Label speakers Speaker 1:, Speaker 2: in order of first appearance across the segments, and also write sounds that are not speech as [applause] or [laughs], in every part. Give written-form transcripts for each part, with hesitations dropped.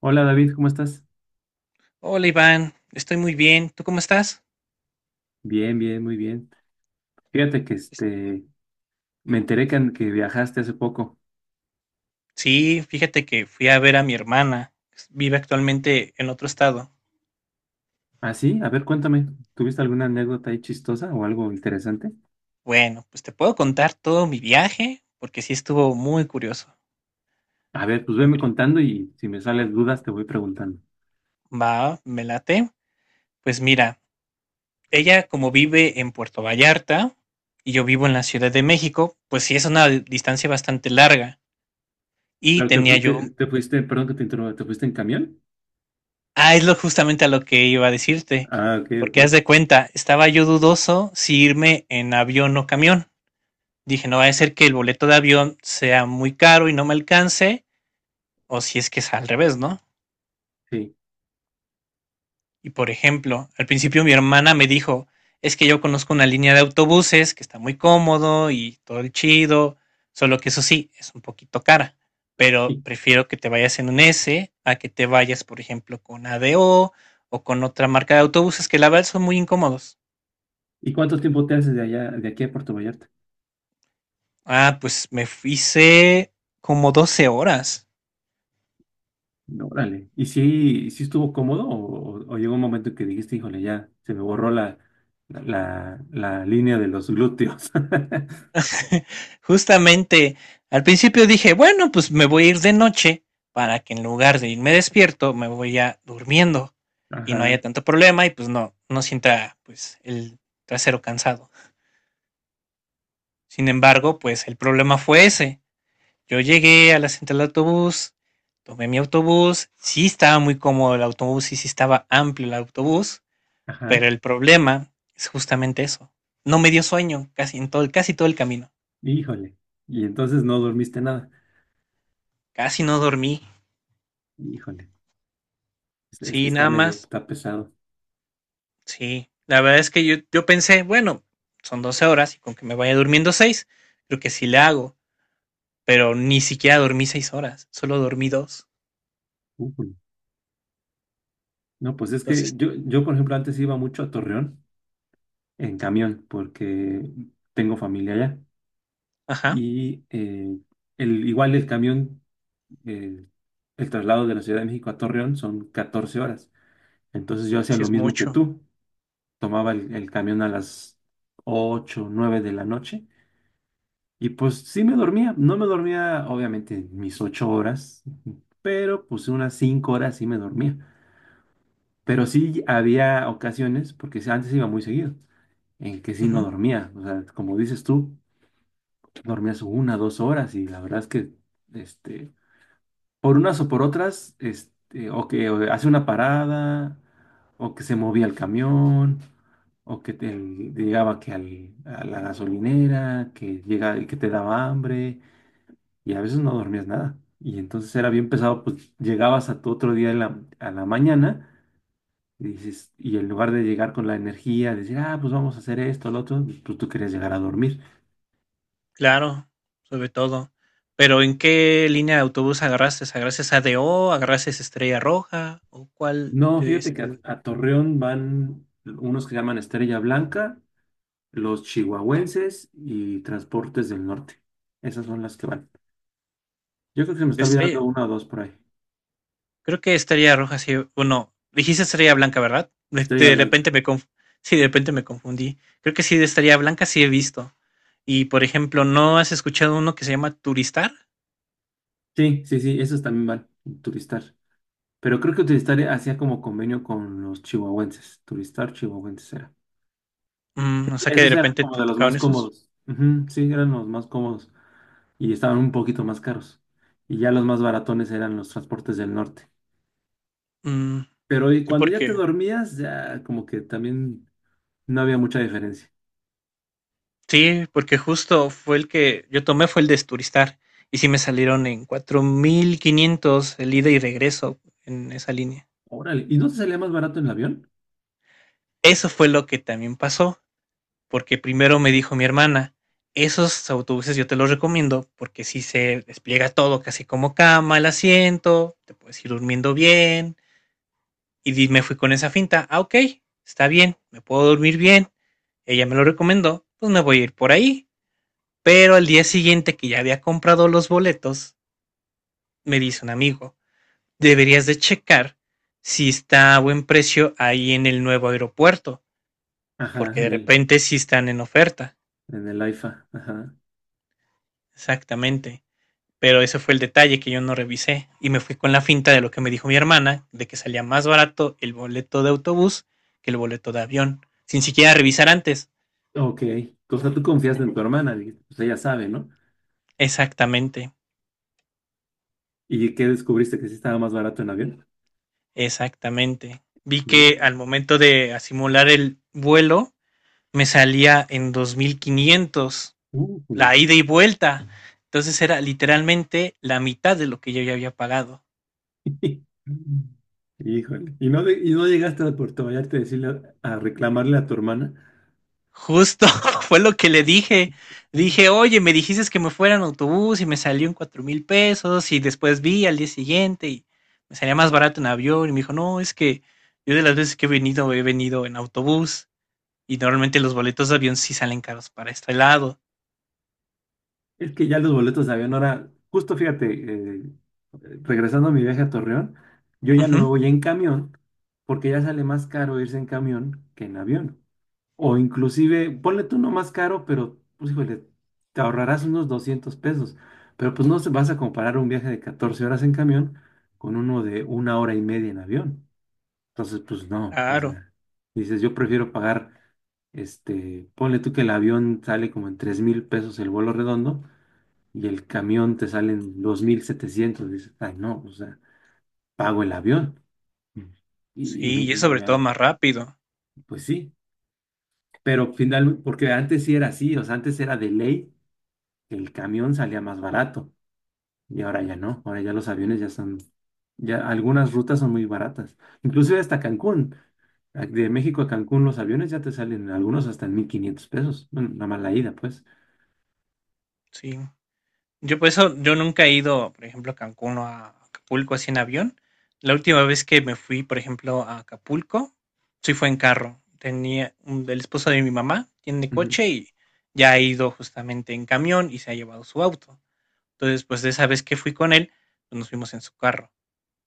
Speaker 1: Hola David, ¿cómo estás?
Speaker 2: Hola Iván, estoy muy bien. ¿Tú cómo estás?
Speaker 1: Bien, bien, muy bien. Fíjate que
Speaker 2: Es-
Speaker 1: me enteré que viajaste hace poco.
Speaker 2: Sí, fíjate que fui a ver a mi hermana. Vive actualmente en otro estado.
Speaker 1: ¿Ah, sí? A ver, cuéntame, ¿tuviste alguna anécdota ahí chistosa o algo interesante?
Speaker 2: Bueno, pues te puedo contar todo mi viaje porque sí estuvo muy curioso.
Speaker 1: A ver, pues
Speaker 2: En
Speaker 1: veme
Speaker 2: pri-
Speaker 1: contando y si me salen dudas te voy preguntando.
Speaker 2: Va, me late. Pues mira, ella como vive en Puerto Vallarta y yo vivo en la Ciudad de México, pues sí es una distancia bastante larga. Y
Speaker 1: Pero
Speaker 2: tenía yo...
Speaker 1: te fuiste, perdón que te interrumpa, ¿te fuiste en camión?
Speaker 2: Ah, es lo justamente a lo que iba a decirte.
Speaker 1: Ah, ok, ok,
Speaker 2: Porque haz de cuenta, estaba yo dudoso si irme en avión o camión. Dije, no va a ser que el boleto de avión sea muy caro y no me alcance, o si es que es al revés, ¿no?
Speaker 1: sí.
Speaker 2: Y por ejemplo, al principio mi hermana me dijo, es que yo conozco una línea de autobuses que está muy cómodo y todo el chido, solo que eso sí, es un poquito cara, pero
Speaker 1: ¿Y,
Speaker 2: prefiero que te vayas en un S a que te vayas, por ejemplo, con ADO o con otra marca de autobuses que la verdad son muy incómodos.
Speaker 1: y cuánto tiempo te haces de allá, de aquí a Puerto Vallarta?
Speaker 2: Ah, pues me hice como 12 horas.
Speaker 1: Órale. ¿Y si estuvo cómodo o llegó un momento en que dijiste, híjole, ya se me borró la línea de los glúteos? [laughs]
Speaker 2: [laughs] Justamente, al principio dije, bueno, pues me voy a ir de noche para que en lugar de irme despierto, me voy a durmiendo y no haya
Speaker 1: Ajá,
Speaker 2: tanto problema y pues no sienta pues el trasero cansado. Sin embargo, pues el problema fue ese. Yo llegué a la central de autobús, tomé mi autobús, sí estaba muy cómodo el autobús y sí estaba amplio el autobús, pero
Speaker 1: ajá.
Speaker 2: el problema es justamente eso. No me dio sueño casi en todo, casi todo el camino.
Speaker 1: Híjole. Y entonces no dormiste nada.
Speaker 2: Casi no dormí.
Speaker 1: Híjole. Es que
Speaker 2: Sí,
Speaker 1: está
Speaker 2: nada
Speaker 1: medio,
Speaker 2: más.
Speaker 1: está pesado.
Speaker 2: Sí, la verdad es que yo pensé, bueno, son 12 horas y con que me vaya durmiendo seis creo que sí le hago, pero ni siquiera dormí 6 horas, solo dormí dos.
Speaker 1: Ujú. No, pues es que
Speaker 2: Entonces,
Speaker 1: yo, por ejemplo, antes iba mucho a Torreón en camión porque tengo familia allá.
Speaker 2: ajá,
Speaker 1: Y igual el camión, eh, el traslado de la Ciudad de México a Torreón son 14 horas. Entonces yo hacía
Speaker 2: sí
Speaker 1: lo
Speaker 2: es
Speaker 1: mismo que
Speaker 2: mucho.
Speaker 1: tú. Tomaba el camión a las 8 9 de la noche y pues sí me dormía. No me dormía obviamente mis 8 horas, pero pues unas 5 horas sí me dormía. Pero sí había ocasiones, porque sí, antes iba muy seguido, en que sí no
Speaker 2: Ujú,
Speaker 1: dormía. O sea, como dices tú, dormías una, dos horas y la verdad es que este, por unas o por otras, o que o hace una parada, o que se movía el camión, o que te, llegaba que a la gasolinera, que llega, que te daba hambre, y a veces no dormías nada. Y entonces era bien pesado, pues llegabas a tu otro día en a la mañana, y dices, y en lugar de llegar con la energía, decir, ah, pues vamos a hacer esto, lo otro, pues tú querías llegar a dormir.
Speaker 2: claro, sobre todo. Pero ¿en qué línea de autobús agarraste? ¿Agarraste ADO? ¿Agarraste Estrella Roja? ¿O cuál
Speaker 1: No,
Speaker 2: de,
Speaker 1: fíjate que a Torreón van unos que llaman Estrella Blanca, los chihuahuenses y transportes del norte. Esas son las que van. Yo creo que se me
Speaker 2: de
Speaker 1: está olvidando
Speaker 2: Estrella?
Speaker 1: una o dos por ahí.
Speaker 2: Creo que estaría Roja, sí. Bueno, dijiste Estrella Blanca, ¿verdad? De
Speaker 1: Estrella
Speaker 2: de
Speaker 1: Blanca.
Speaker 2: repente sí, de repente me confundí. Creo que sí, de Estrella Blanca sí he visto. Y por ejemplo, ¿no has escuchado uno que se llama Turistar?
Speaker 1: Sí, sí, sí, esos también van. Turistar. Pero creo que Turistar hacía como convenio con los chihuahuenses. Turistar, chihuahuenses era.
Speaker 2: O sea que de
Speaker 1: Esos eran
Speaker 2: repente
Speaker 1: como
Speaker 2: te
Speaker 1: de los más
Speaker 2: tocaron esos.
Speaker 1: cómodos. Ujú, sí, eran los más cómodos y estaban un poquito más caros. Y ya los más baratones eran los transportes del norte.
Speaker 2: Mm,
Speaker 1: Pero y
Speaker 2: sí,
Speaker 1: cuando ya te
Speaker 2: porque.
Speaker 1: dormías, ya como que también no había mucha diferencia.
Speaker 2: Sí, porque justo fue el que yo tomé, fue el de Turistar. Y sí me salieron en 4500 el ida y regreso en esa línea.
Speaker 1: Órale, ¿y no te salía más barato en el avión?
Speaker 2: Eso fue lo que también pasó, porque primero me dijo mi hermana, esos autobuses yo te los recomiendo porque si se despliega todo, casi como cama, el asiento, te puedes ir durmiendo bien. Y me fui con esa finta, ah, ok, está bien, me puedo dormir bien, ella me lo recomendó, pues me voy a ir por ahí. Pero al día siguiente que ya había comprado los boletos, me dice un amigo, deberías de checar si está a buen precio ahí en el nuevo aeropuerto,
Speaker 1: Ajá,
Speaker 2: porque de repente sí están en oferta.
Speaker 1: en el AIFA. Ajá.
Speaker 2: Exactamente. Pero ese fue el detalle que yo no revisé y me fui con la finta de lo que me dijo mi hermana, de que salía más barato el boleto de autobús que el boleto de avión, sin siquiera revisar antes.
Speaker 1: Ok. O sea, tú confiaste en tu hermana, dijiste, pues ella sabe, ¿no?
Speaker 2: Exactamente,
Speaker 1: ¿Y qué descubriste? ¿Que sí estaba más barato en avión?
Speaker 2: exactamente. Vi que
Speaker 1: Uh,
Speaker 2: al momento de simular el vuelo me salía en 2500
Speaker 1: jule.
Speaker 2: la ida y vuelta. Entonces era literalmente la mitad de lo que yo ya había pagado.
Speaker 1: [laughs] Híjole. ¿Y no, y no llegaste a Puerto Vallarta a decirle, a reclamarle a tu hermana?
Speaker 2: Justo [laughs] fue lo que le dije. Dije, oye, me dijiste que me fuera en autobús y me salió en 4000 pesos y después vi al día siguiente y me salía más barato en avión y me dijo, no, es que yo de las veces que he venido en autobús y normalmente los boletos de avión sí salen caros para este lado.
Speaker 1: Es que ya los boletos de avión ahora, justo fíjate, eh, regresando a mi viaje a Torreón, yo ya no me
Speaker 2: Ujú,
Speaker 1: voy en camión porque ya sale más caro irse en camión que en avión. O inclusive, ponle tú no más caro, pero, pues híjole, te ahorrarás unos $200. Pero pues no se- vas a comparar un viaje de 14 horas en camión con uno de 1 hora y media en avión. Entonces, pues no, o
Speaker 2: claro,
Speaker 1: sea, dices, yo prefiero pagar, ponle tú que el avión sale como en $3,000 el vuelo redondo y el camión te sale en 2,700. Dices, ay no, o sea, pago el avión. Mm. Y, y me,
Speaker 2: sí, y es
Speaker 1: y
Speaker 2: sobre todo
Speaker 1: me-
Speaker 2: más rápido,
Speaker 1: pues sí, pero final, porque antes sí era así, o sea, antes era de ley el camión salía más barato y ahora ya no, ahora ya los aviones ya son, ya algunas rutas son muy baratas, inclusive hasta Cancún, de México a Cancún los aviones ya te salen algunos hasta en $1,500, bueno, nada más la ida pues.
Speaker 2: sí. Yo por eso, yo nunca he ido, por ejemplo, a Cancún o a Acapulco así en avión. La última vez que me fui, por ejemplo, a Acapulco, sí fue en carro. Tenía un, el esposo de mi mamá, tiene
Speaker 1: Ujú.
Speaker 2: coche y ya ha ido justamente en camión y se ha llevado su auto. Entonces, pues de esa vez que fui con él, pues nos fuimos en su carro.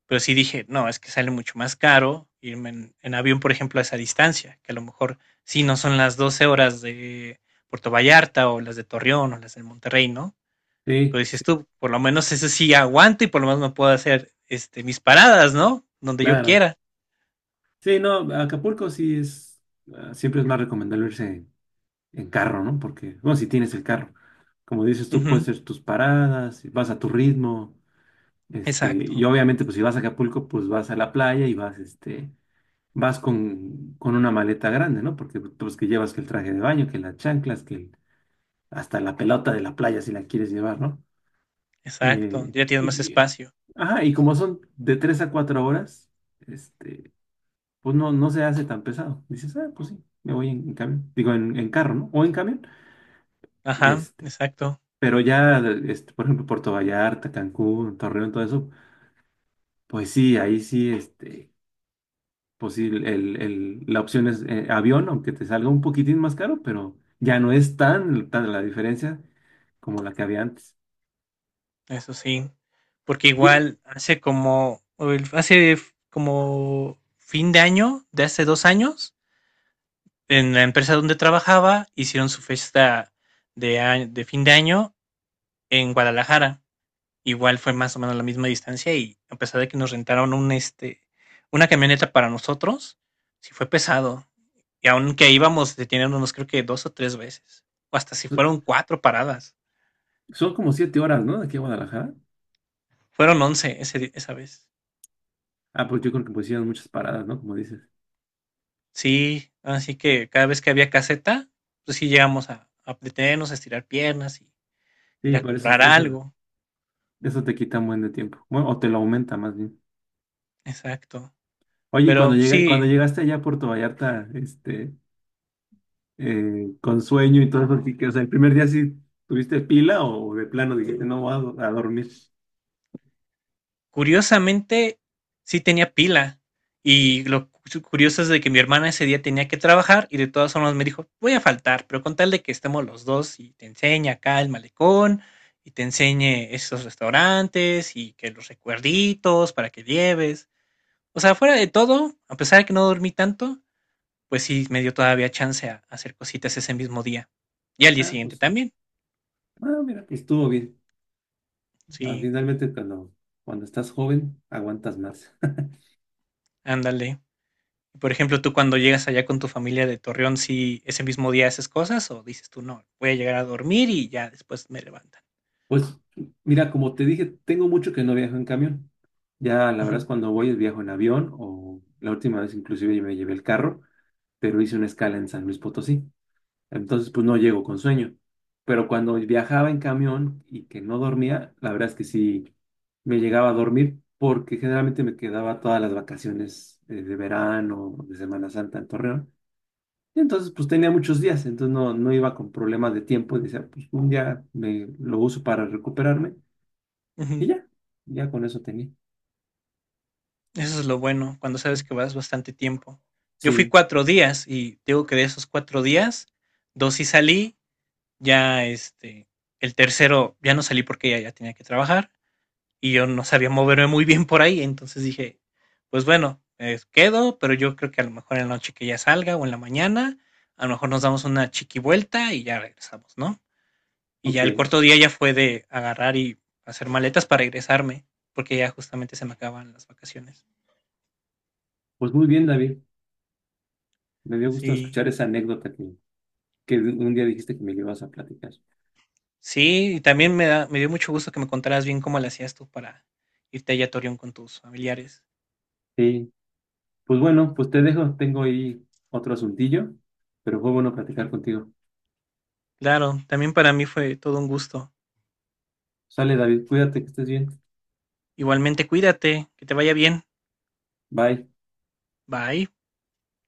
Speaker 2: Pero sí dije, no, es que sale mucho más caro irme en avión, por ejemplo, a esa distancia, que a lo mejor sí no son las 12 horas de Puerto Vallarta o las de Torreón o las de Monterrey, ¿no? Pero
Speaker 1: Sí,
Speaker 2: dices
Speaker 1: sí,
Speaker 2: tú, por lo menos eso sí aguanto y por lo menos me puedo hacer mis paradas, ¿no? Donde yo
Speaker 1: claro.
Speaker 2: quiera.
Speaker 1: Sí, no, Acapulco sí es, ah, siempre es más recomendable irse en carro, ¿no? Porque, bueno, si tienes el carro, como dices tú, puedes
Speaker 2: Ujú,
Speaker 1: hacer tus paradas, vas a tu ritmo, y
Speaker 2: exacto,
Speaker 1: obviamente pues si vas a Acapulco pues vas a la playa y vas, vas con una maleta grande, ¿no? Porque pues que llevas que el traje de baño, que las chanclas, hasta la pelota de la playa si la quieres llevar, ¿no?
Speaker 2: exacto.
Speaker 1: Eh,
Speaker 2: Ya tienes más
Speaker 1: y, y-
Speaker 2: espacio.
Speaker 1: ajá, y como son de 3 a 4 horas, este, pues no, no se hace tan pesado. Dices, ah, pues sí, me voy en camión, digo, en carro, ¿no? O en camión,
Speaker 2: Ajá,
Speaker 1: este,
Speaker 2: exacto.
Speaker 1: pero ya, por ejemplo, Puerto Vallarta, Cancún, Torreón, todo eso, pues sí, ahí sí, pues sí, la opción es avión, aunque te salga un poquitín más caro, pero ya no es tan, tan la diferencia como la que había antes.
Speaker 2: Eso sí. Porque
Speaker 1: Y eh,
Speaker 2: igual hace como, o el- hace f- como fin de año, de hace 2 años, en la empresa donde trabajaba, hicieron su fiesta de fin de año en Guadalajara. Igual fue más o menos la misma distancia y a pesar de que nos rentaron una camioneta para nosotros, sí fue pesado. Y aunque íbamos deteniéndonos creo que 2 o 3 veces, o hasta si
Speaker 1: so,
Speaker 2: fueron cuatro paradas,
Speaker 1: son como 7 horas, ¿no? De aquí a Guadalajara.
Speaker 2: fueron 11 esa vez.
Speaker 1: Ah, pues yo creo que pues hicieron muchas paradas, ¿no? Como dices.
Speaker 2: Sí, así que cada vez que había caseta, pues sí llegamos a detenernos, a estirar piernas y ir
Speaker 1: Sí,
Speaker 2: a
Speaker 1: por eso,
Speaker 2: comprar
Speaker 1: eso,
Speaker 2: algo.
Speaker 1: eso te quita un buen de tiempo. Bueno, o te lo aumenta más bien.
Speaker 2: Exacto.
Speaker 1: Oye, y cuando
Speaker 2: Pero
Speaker 1: llega, cuando
Speaker 2: sí.
Speaker 1: llegaste allá a Puerto Vallarta, con sueño y todo eso, así que, o sea, el primer día sí tuviste pila o de plano dijiste, no voy a, a dormir.
Speaker 2: Curiosamente, sí tenía pila. Y lo curioso es de que mi hermana ese día tenía que trabajar y de todas formas me dijo, voy a faltar, pero con tal de que estemos los dos y te enseñe acá el malecón y te enseñe esos restaurantes y que los recuerditos para que lleves. O sea, fuera de todo, a pesar de que no dormí tanto, pues sí me dio todavía chance a hacer cositas ese mismo día. Y al día
Speaker 1: Ah,
Speaker 2: siguiente
Speaker 1: pues,
Speaker 2: también.
Speaker 1: ah, mira, estuvo bien. Ah,
Speaker 2: Sí,
Speaker 1: finalmente, cuando, cuando estás joven, aguantas más. [laughs]
Speaker 2: ándale. Por ejemplo, tú cuando llegas allá con tu familia de Torreón, ¿sí ese mismo día haces cosas o dices tú no, voy a llegar a dormir y ya después me levantan?
Speaker 1: Pues mira, como te dije, tengo mucho que no viajo en camión. Ya la verdad es
Speaker 2: Ujú,
Speaker 1: cuando voy es viajo en avión o la última vez inclusive me llevé el carro, pero hice una escala en San Luis Potosí. Entonces pues no llego con sueño. Pero cuando viajaba en camión y que no dormía, la verdad es que sí me llegaba a dormir porque generalmente me quedaba todas las vacaciones de verano, de Semana Santa en Torreón. Entonces, pues tenía muchos días, entonces no, no iba con problemas de tiempo. Y decía, pues un día me lo uso para recuperarme y
Speaker 2: ujú.
Speaker 1: ya, ya con eso tenía.
Speaker 2: Eso es lo bueno, cuando sabes que vas bastante tiempo. Yo fui
Speaker 1: Sí,
Speaker 2: 4 días y digo que de esos 4 días, dos sí salí, ya el tercero ya no salí porque ya tenía que trabajar y yo no sabía moverme muy bien por ahí, entonces dije, pues bueno, quedo, pero yo creo que a lo mejor en la noche que ya salga o en la mañana, a lo mejor nos damos una chiqui vuelta y ya regresamos, ¿no? Y ya el
Speaker 1: ok.
Speaker 2: cuarto día ya fue de agarrar y hacer maletas para regresarme, porque ya justamente se me acaban las vacaciones.
Speaker 1: Pues muy bien, David. Me dio gusto
Speaker 2: Sí,
Speaker 1: escuchar esa anécdota que un día dijiste que me la ibas a platicar.
Speaker 2: sí, y también me dio mucho gusto que me contaras bien cómo le hacías tú para irte allá a Torreón con tus familiares.
Speaker 1: Sí, pues bueno, pues te dejo. Tengo ahí otro asuntillo, pero fue bueno platicar contigo.
Speaker 2: Claro, también para mí fue todo un gusto.
Speaker 1: Sale, David, cuídate, que estés bien.
Speaker 2: Igualmente cuídate, que te vaya bien.
Speaker 1: Bye.
Speaker 2: Bye.